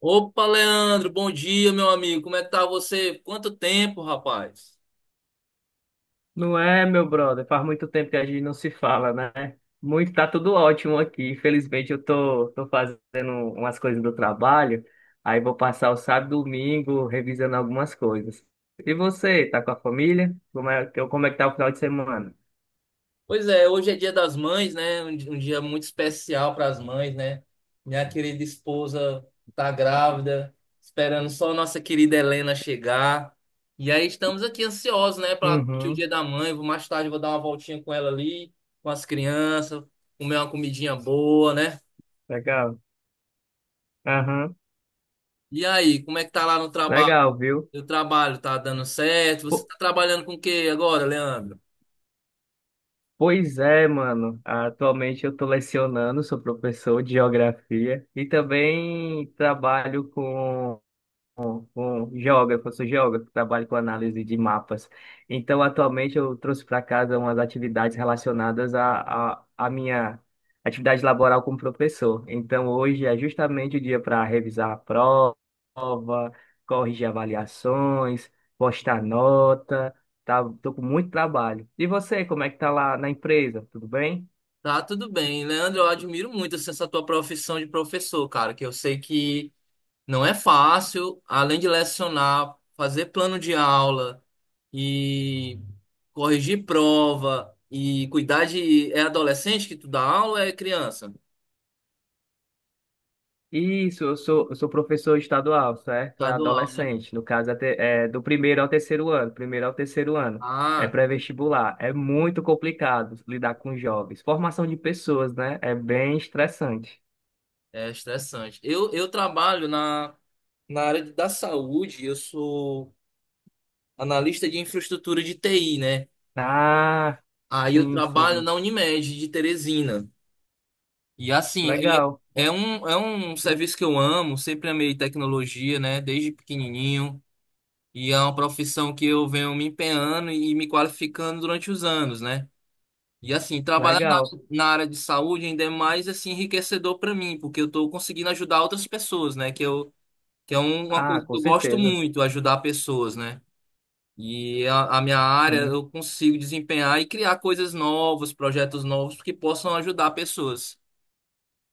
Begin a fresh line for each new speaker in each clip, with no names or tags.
Opa, Leandro, bom dia, meu amigo. Como é que tá você? Quanto tempo, rapaz?
Não é, meu brother? Faz muito tempo que a gente não se fala, né? Muito, tá tudo ótimo aqui. Felizmente eu tô fazendo umas coisas do trabalho. Aí vou passar o sábado e domingo revisando algumas coisas. E você, tá com a família? Como é que tá o final de semana?
Pois é, hoje é Dia das Mães, né? Um dia muito especial para as mães, né? Minha querida esposa tá grávida, esperando só a nossa querida Helena chegar. E aí estamos aqui ansiosos, né, para o
Uhum,
Dia da Mãe. Vou mais tarde vou dar uma voltinha com ela ali, com as crianças, comer uma comidinha boa, né?
legal. Aham,
E aí, como é que tá lá no trabalho?
legal, viu?
O trabalho tá dando certo? Você
Po-
tá trabalhando com o quê agora, Leandro?
Pois é, mano. Atualmente eu tô lecionando, sou professor de geografia e também trabalho com um geógrafo, eu sou geógrafo, trabalho com análise de mapas. Então, atualmente, eu trouxe para casa umas atividades relacionadas à minha atividade laboral como professor. Então, hoje é justamente o dia para revisar a prova, corrigir avaliações, postar nota, tá? Tô com muito trabalho. E você, como é que tá lá na empresa? Tudo bem?
Tá tudo bem. Leandro, eu admiro muito, assim, essa tua profissão de professor, cara, que eu sei que não é fácil, além de lecionar, fazer plano de aula e corrigir prova e cuidar de... É adolescente que tu dá aula ou é criança?
Isso, eu sou professor estadual, certo? É
Estadual, né?
adolescente, no caso é do primeiro ao terceiro ano, primeiro ao terceiro ano. É
Ah,
pré-vestibular. É muito complicado lidar com jovens. Formação de pessoas, né? É bem estressante.
é estressante. Eu trabalho na área da saúde, eu sou analista de infraestrutura de TI, né?
Ah,
Aí eu
sim,
trabalho
sim.
na Unimed de Teresina. E assim,
Legal,
é um serviço que eu amo, sempre amei tecnologia, né? Desde pequenininho. E é uma profissão que eu venho me empenhando e me qualificando durante os anos, né? E assim,
legal.
na área de saúde ainda é mais, assim, enriquecedor para mim, porque eu tô conseguindo ajudar outras pessoas, né? Que é uma
Ah,
coisa que
com
eu gosto
certeza.
muito, ajudar pessoas, né? E a minha área
Sim.
eu consigo desempenhar e criar coisas novas, projetos novos que possam ajudar pessoas.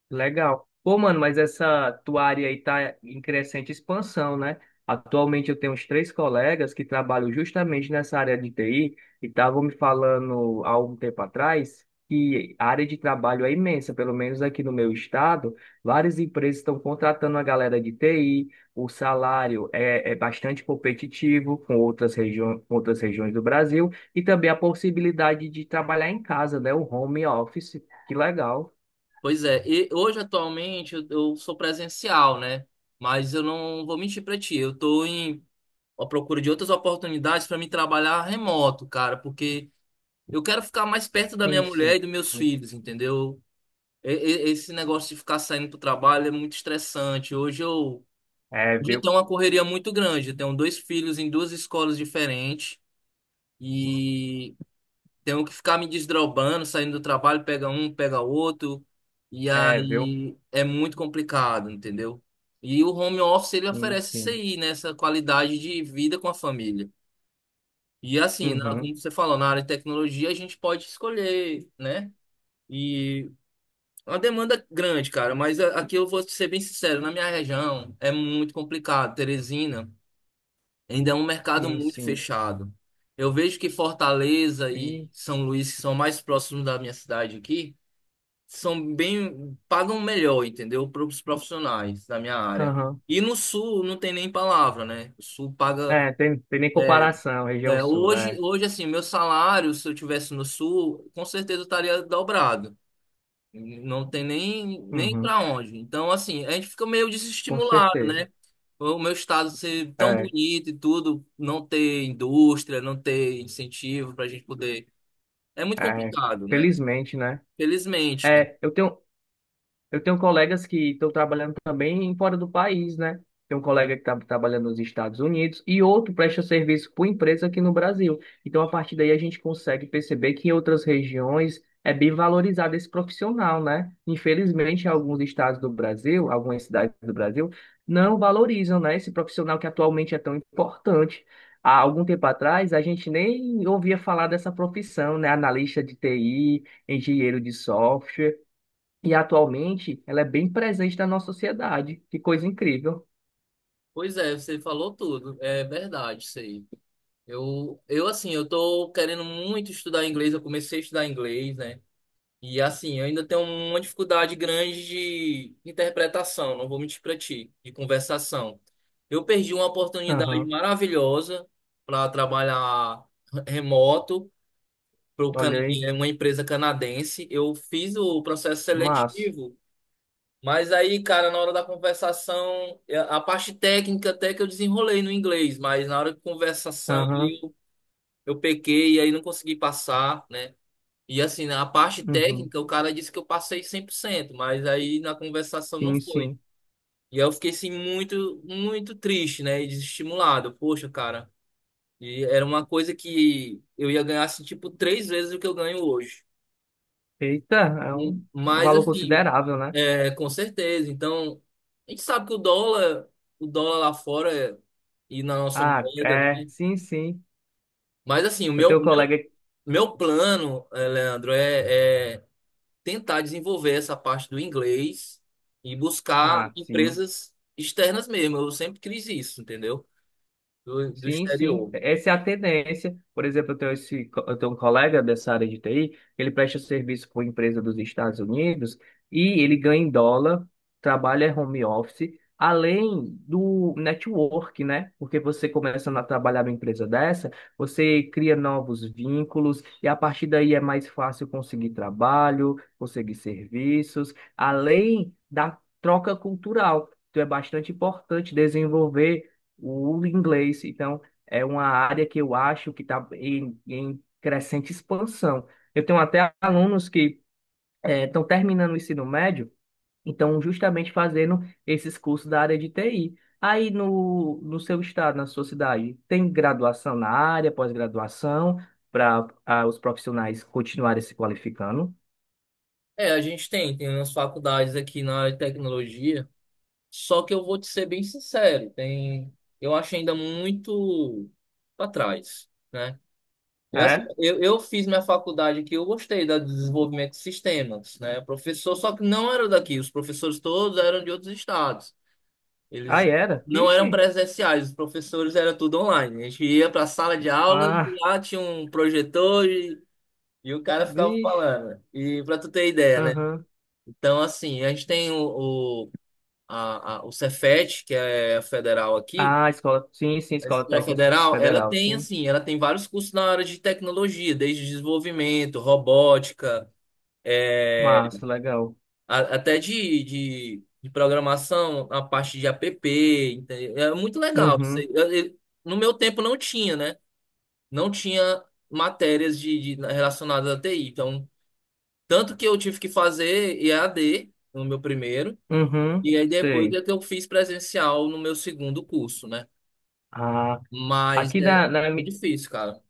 Legal. Pô, mano, mas essa tua área aí tá em crescente expansão, né? Atualmente eu tenho uns três colegas que trabalham justamente nessa área de TI e estavam me falando há um tempo atrás que a área de trabalho é imensa, pelo menos aqui no meu estado, várias empresas estão contratando a galera de TI, o salário é bastante competitivo com outras regiões do Brasil e também a possibilidade de trabalhar em casa, né? O home office. Que legal.
Pois é, e hoje atualmente eu sou presencial, né? Mas eu não vou mentir pra ti, eu tô em à procura de outras oportunidades pra me trabalhar remoto, cara, porque eu quero ficar mais perto da minha
Sim,
mulher e
sim.
dos meus filhos, entendeu? E- Esse negócio de ficar saindo pro trabalho é muito estressante. Hoje eu,
É,
hoje eu
viu?
tenho uma correria muito grande, eu tenho dois filhos em duas escolas diferentes e tenho que ficar me desdobrando, saindo do trabalho, pega um, pega outro, e
É, viu?
aí é muito complicado, entendeu? E o home office ele
Sim,
oferece isso
sim.
aí, né? Essa qualidade de vida com a família. E assim,
Uhum.
como você falou, na área de tecnologia a gente pode escolher, né? E é uma demanda grande, cara, mas aqui eu vou ser bem sincero, na minha região é muito complicado. Teresina. Ainda é um mercado
Sim,
muito
sim.
fechado. Eu vejo que Fortaleza e
E,
São Luís, que são mais próximos da minha cidade aqui, são bem, pagam melhor, entendeu? Para os profissionais da minha área.
aham.
E no Sul não tem nem palavra, né? O Sul paga.
É, tem, tem nem comparação, região
É,
sul, é.
assim, meu salário, se eu tivesse no Sul, com certeza eu estaria dobrado. Não tem nem
Uhum.
para onde. Então, assim, a gente fica meio
Com
desestimulado,
certeza.
né? O meu estado ser tão
É,
bonito e tudo, não ter indústria, não ter incentivo para a gente poder. É muito
é.
complicado, né?
Felizmente, né?
Felizmente, né?
É, eu tenho, Eu tenho colegas que estão trabalhando também fora do país, né? Tem um colega que está trabalhando nos Estados Unidos e outro presta serviço por empresa aqui no Brasil. Então, a partir daí, a gente consegue perceber que em outras regiões é bem valorizado esse profissional, né? Infelizmente, alguns estados do Brasil, algumas cidades do Brasil, não valorizam, né, esse profissional que atualmente é tão importante. Há algum tempo atrás, a gente nem ouvia falar dessa profissão, né? Analista de TI, engenheiro de software. E atualmente ela é bem presente na nossa sociedade. Que coisa incrível.
Pois é, você falou tudo. É verdade isso aí. Eu assim, eu tô querendo muito estudar inglês. Eu comecei a estudar inglês, né? E assim, eu ainda tenho uma dificuldade grande de interpretação, não vou mentir para ti, de conversação. Eu perdi uma oportunidade
Aham,
maravilhosa para trabalhar remoto para
olha aí,
uma empresa canadense. Eu fiz o processo
massa.
seletivo, mas aí, cara, na hora da conversação, a parte técnica até que eu desenrolei no inglês, mas na hora de conversação
Aham,
eu pequei e aí não consegui passar, né? E assim, na parte
uhum,
técnica, o cara disse que eu passei 100%, mas aí na conversação não
sim,
foi.
sim.
E aí eu fiquei assim muito, muito triste, né? E desestimulado. Poxa, cara. E era uma coisa que eu ia ganhar assim, tipo 3 vezes o que eu ganho hoje.
Eita, é um, um
Mas
valor
assim,
considerável, né?
é, com certeza. Então, a gente sabe que o dólar lá fora e na nossa
Ah,
moeda, né?
é, sim, sim.
Mas assim,
Eu tenho um colega.
meu plano, Leandro, é tentar desenvolver essa parte do inglês e buscar
Ah, sim.
empresas externas mesmo. Eu sempre quis isso, entendeu? Do
Sim, sim.
exterior.
Essa é a tendência. Por exemplo, eu tenho um colega dessa área de TI, ele presta serviço para uma empresa dos Estados Unidos e ele ganha em dólar, trabalha home office, além do network, né? Porque você começa a trabalhar numa empresa dessa, você cria novos vínculos e a partir daí é mais fácil conseguir trabalho, conseguir serviços, além da troca cultural. Então é bastante importante desenvolver o inglês. Então, é uma área que eu acho que está em crescente expansão. Eu tenho até alunos que estão terminando o ensino médio, então justamente fazendo esses cursos da área de TI. Aí no seu estado, na sua cidade, tem graduação na área, pós-graduação, para os profissionais continuarem se qualificando?
É, a gente tem, tem umas faculdades aqui na área de tecnologia, só que eu vou te ser bem sincero, tem, eu acho ainda muito para trás, né? Eu, assim,
É?
eu fiz minha faculdade aqui, eu gostei da de desenvolvimento de sistemas, né? Professor, só que não era daqui, os professores todos eram de outros estados. Eles
Aí era.
não eram
Vixe.
presenciais, os professores era tudo online. A gente ia para a sala de aula e
Ah,
lá tinha um projetor e o cara ficava
vixe.
falando. E para tu ter ideia, né?
Aham.
Então, assim, a gente tem o Cefet, que é a federal aqui.
Ah, escola. Sim, sim,
A
escola
escola
técnica
federal, ela
federal,
tem,
sim.
assim, ela tem vários cursos na área de tecnologia, desde desenvolvimento, robótica, é,
Massa, legal.
até de programação, a parte de app, entendeu? É muito legal isso
Uhum,
aí. No meu tempo não tinha, né? Não tinha matérias relacionadas à TI. Então, tanto que eu tive que fazer EAD no meu primeiro,
uhum,
e aí depois
sei.
é que eu fiz presencial no meu segundo curso, né?
Ah,
Mas
aqui
é,
na, na,
é difícil, cara.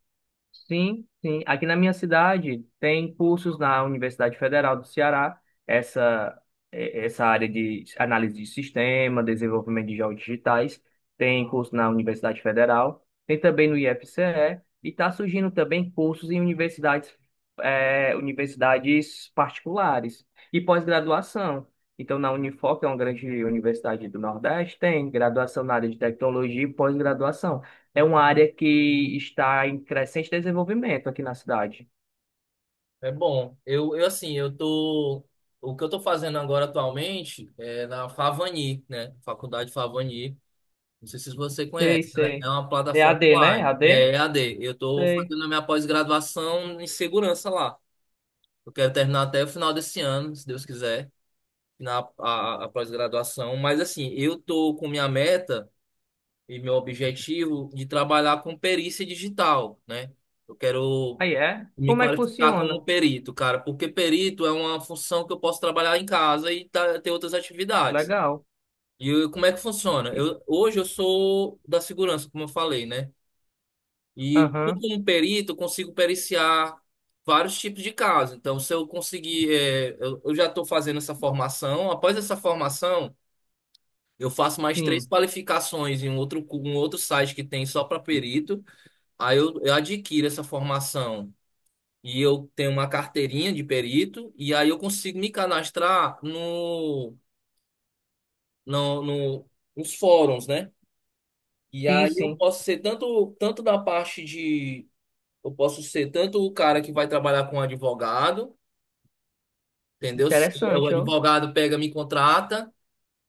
Sim, sim. Aqui na minha cidade tem cursos na Universidade Federal do Ceará, essa, essa área de análise de sistema, desenvolvimento de jogos digitais, tem curso na Universidade Federal, tem também no IFCE, e está surgindo também cursos em universidades, universidades particulares e pós-graduação. Então, na Unifor, que é uma grande universidade do Nordeste, tem graduação na área de tecnologia e pós-graduação é uma área que está em crescente desenvolvimento aqui na cidade.
É bom. Eu assim, eu tô. O que eu tô fazendo agora atualmente é na Favani, né? Faculdade Favani. Não sei se você
Sei,
conhece. Ela é
sei.
uma
É a
plataforma
D, né? A
online.
D?
É EAD. Eu estou
Sei.
fazendo a minha pós-graduação em segurança lá. Eu quero terminar até o final desse ano, se Deus quiser, a pós-graduação. Mas assim, eu estou com minha meta e meu objetivo de trabalhar com perícia digital, né? Eu quero
Aí é?
me
Como é que
qualificar
funciona?
como perito, cara, porque perito é uma função que eu posso trabalhar em casa e ter outras atividades.
Legal.
Como é que funciona?
E-
Eu, hoje eu sou da segurança, como eu falei, né? E eu,
Aham,
como perito, consigo periciar vários tipos de casos. Então, se eu conseguir, é, eu já estou fazendo essa formação. Após essa formação, eu faço mais três
sim.
qualificações em um outro site que tem só para perito. Aí eu adquiro essa formação e eu tenho uma carteirinha de perito. E aí eu consigo me cadastrar no, no, no, nos fóruns, né? E
Sim,
aí eu
sim.
posso ser tanto, tanto da parte. Eu posso ser tanto o cara que vai trabalhar com um advogado, entendeu? Se o
Interessante, ó.
advogado pega, me contrata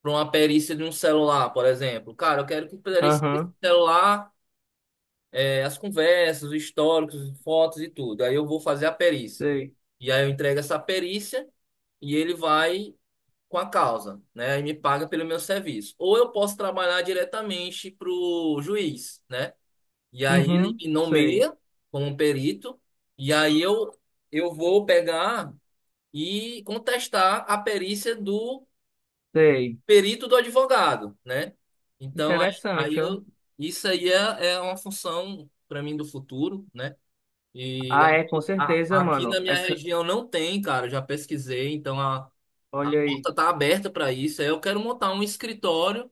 para uma perícia de um celular, por exemplo. Cara, eu quero que perícia desse
Aham,
celular, é, as conversas, os históricos, fotos e tudo. Aí eu vou fazer a perícia.
sei.
E aí eu entrego essa perícia e ele vai com a causa, né? E me paga pelo meu serviço. Ou eu posso trabalhar diretamente para o juiz, né? E aí ele
Uhum,
me
sei.
nomeia como perito, e aí eu vou pegar e contestar a perícia do
Sei.
perito do advogado, né? Então, aí
Interessante, ó.
eu, isso aí é, é uma função para mim do futuro, né? E
Ah, é, com
aqui,
certeza,
aqui na
mano.
minha
Essa,
região não tem, cara, eu já pesquisei, então a
olha
porta
aí.
está aberta para isso. Aí eu quero montar um escritório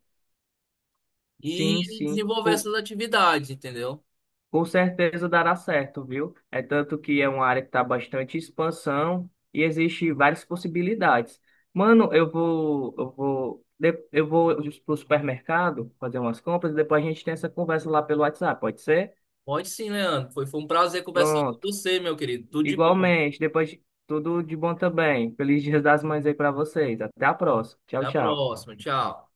Sim,
e
sim.
desenvolver essas atividades, entendeu?
Com certeza dará certo, viu? É tanto que é uma área que está bastante em expansão e existe várias possibilidades. Mano, eu vou pro supermercado fazer umas compras e depois a gente tem essa conversa lá pelo WhatsApp, pode ser?
Pode sim, Leandro. Foi um prazer conversar com
Pronto.
você, meu querido. Tudo de bom.
Igualmente, depois tudo de bom também. Feliz Dia das Mães aí para vocês. Até a próxima.
Até
Tchau,
a
tchau.
próxima. Tchau.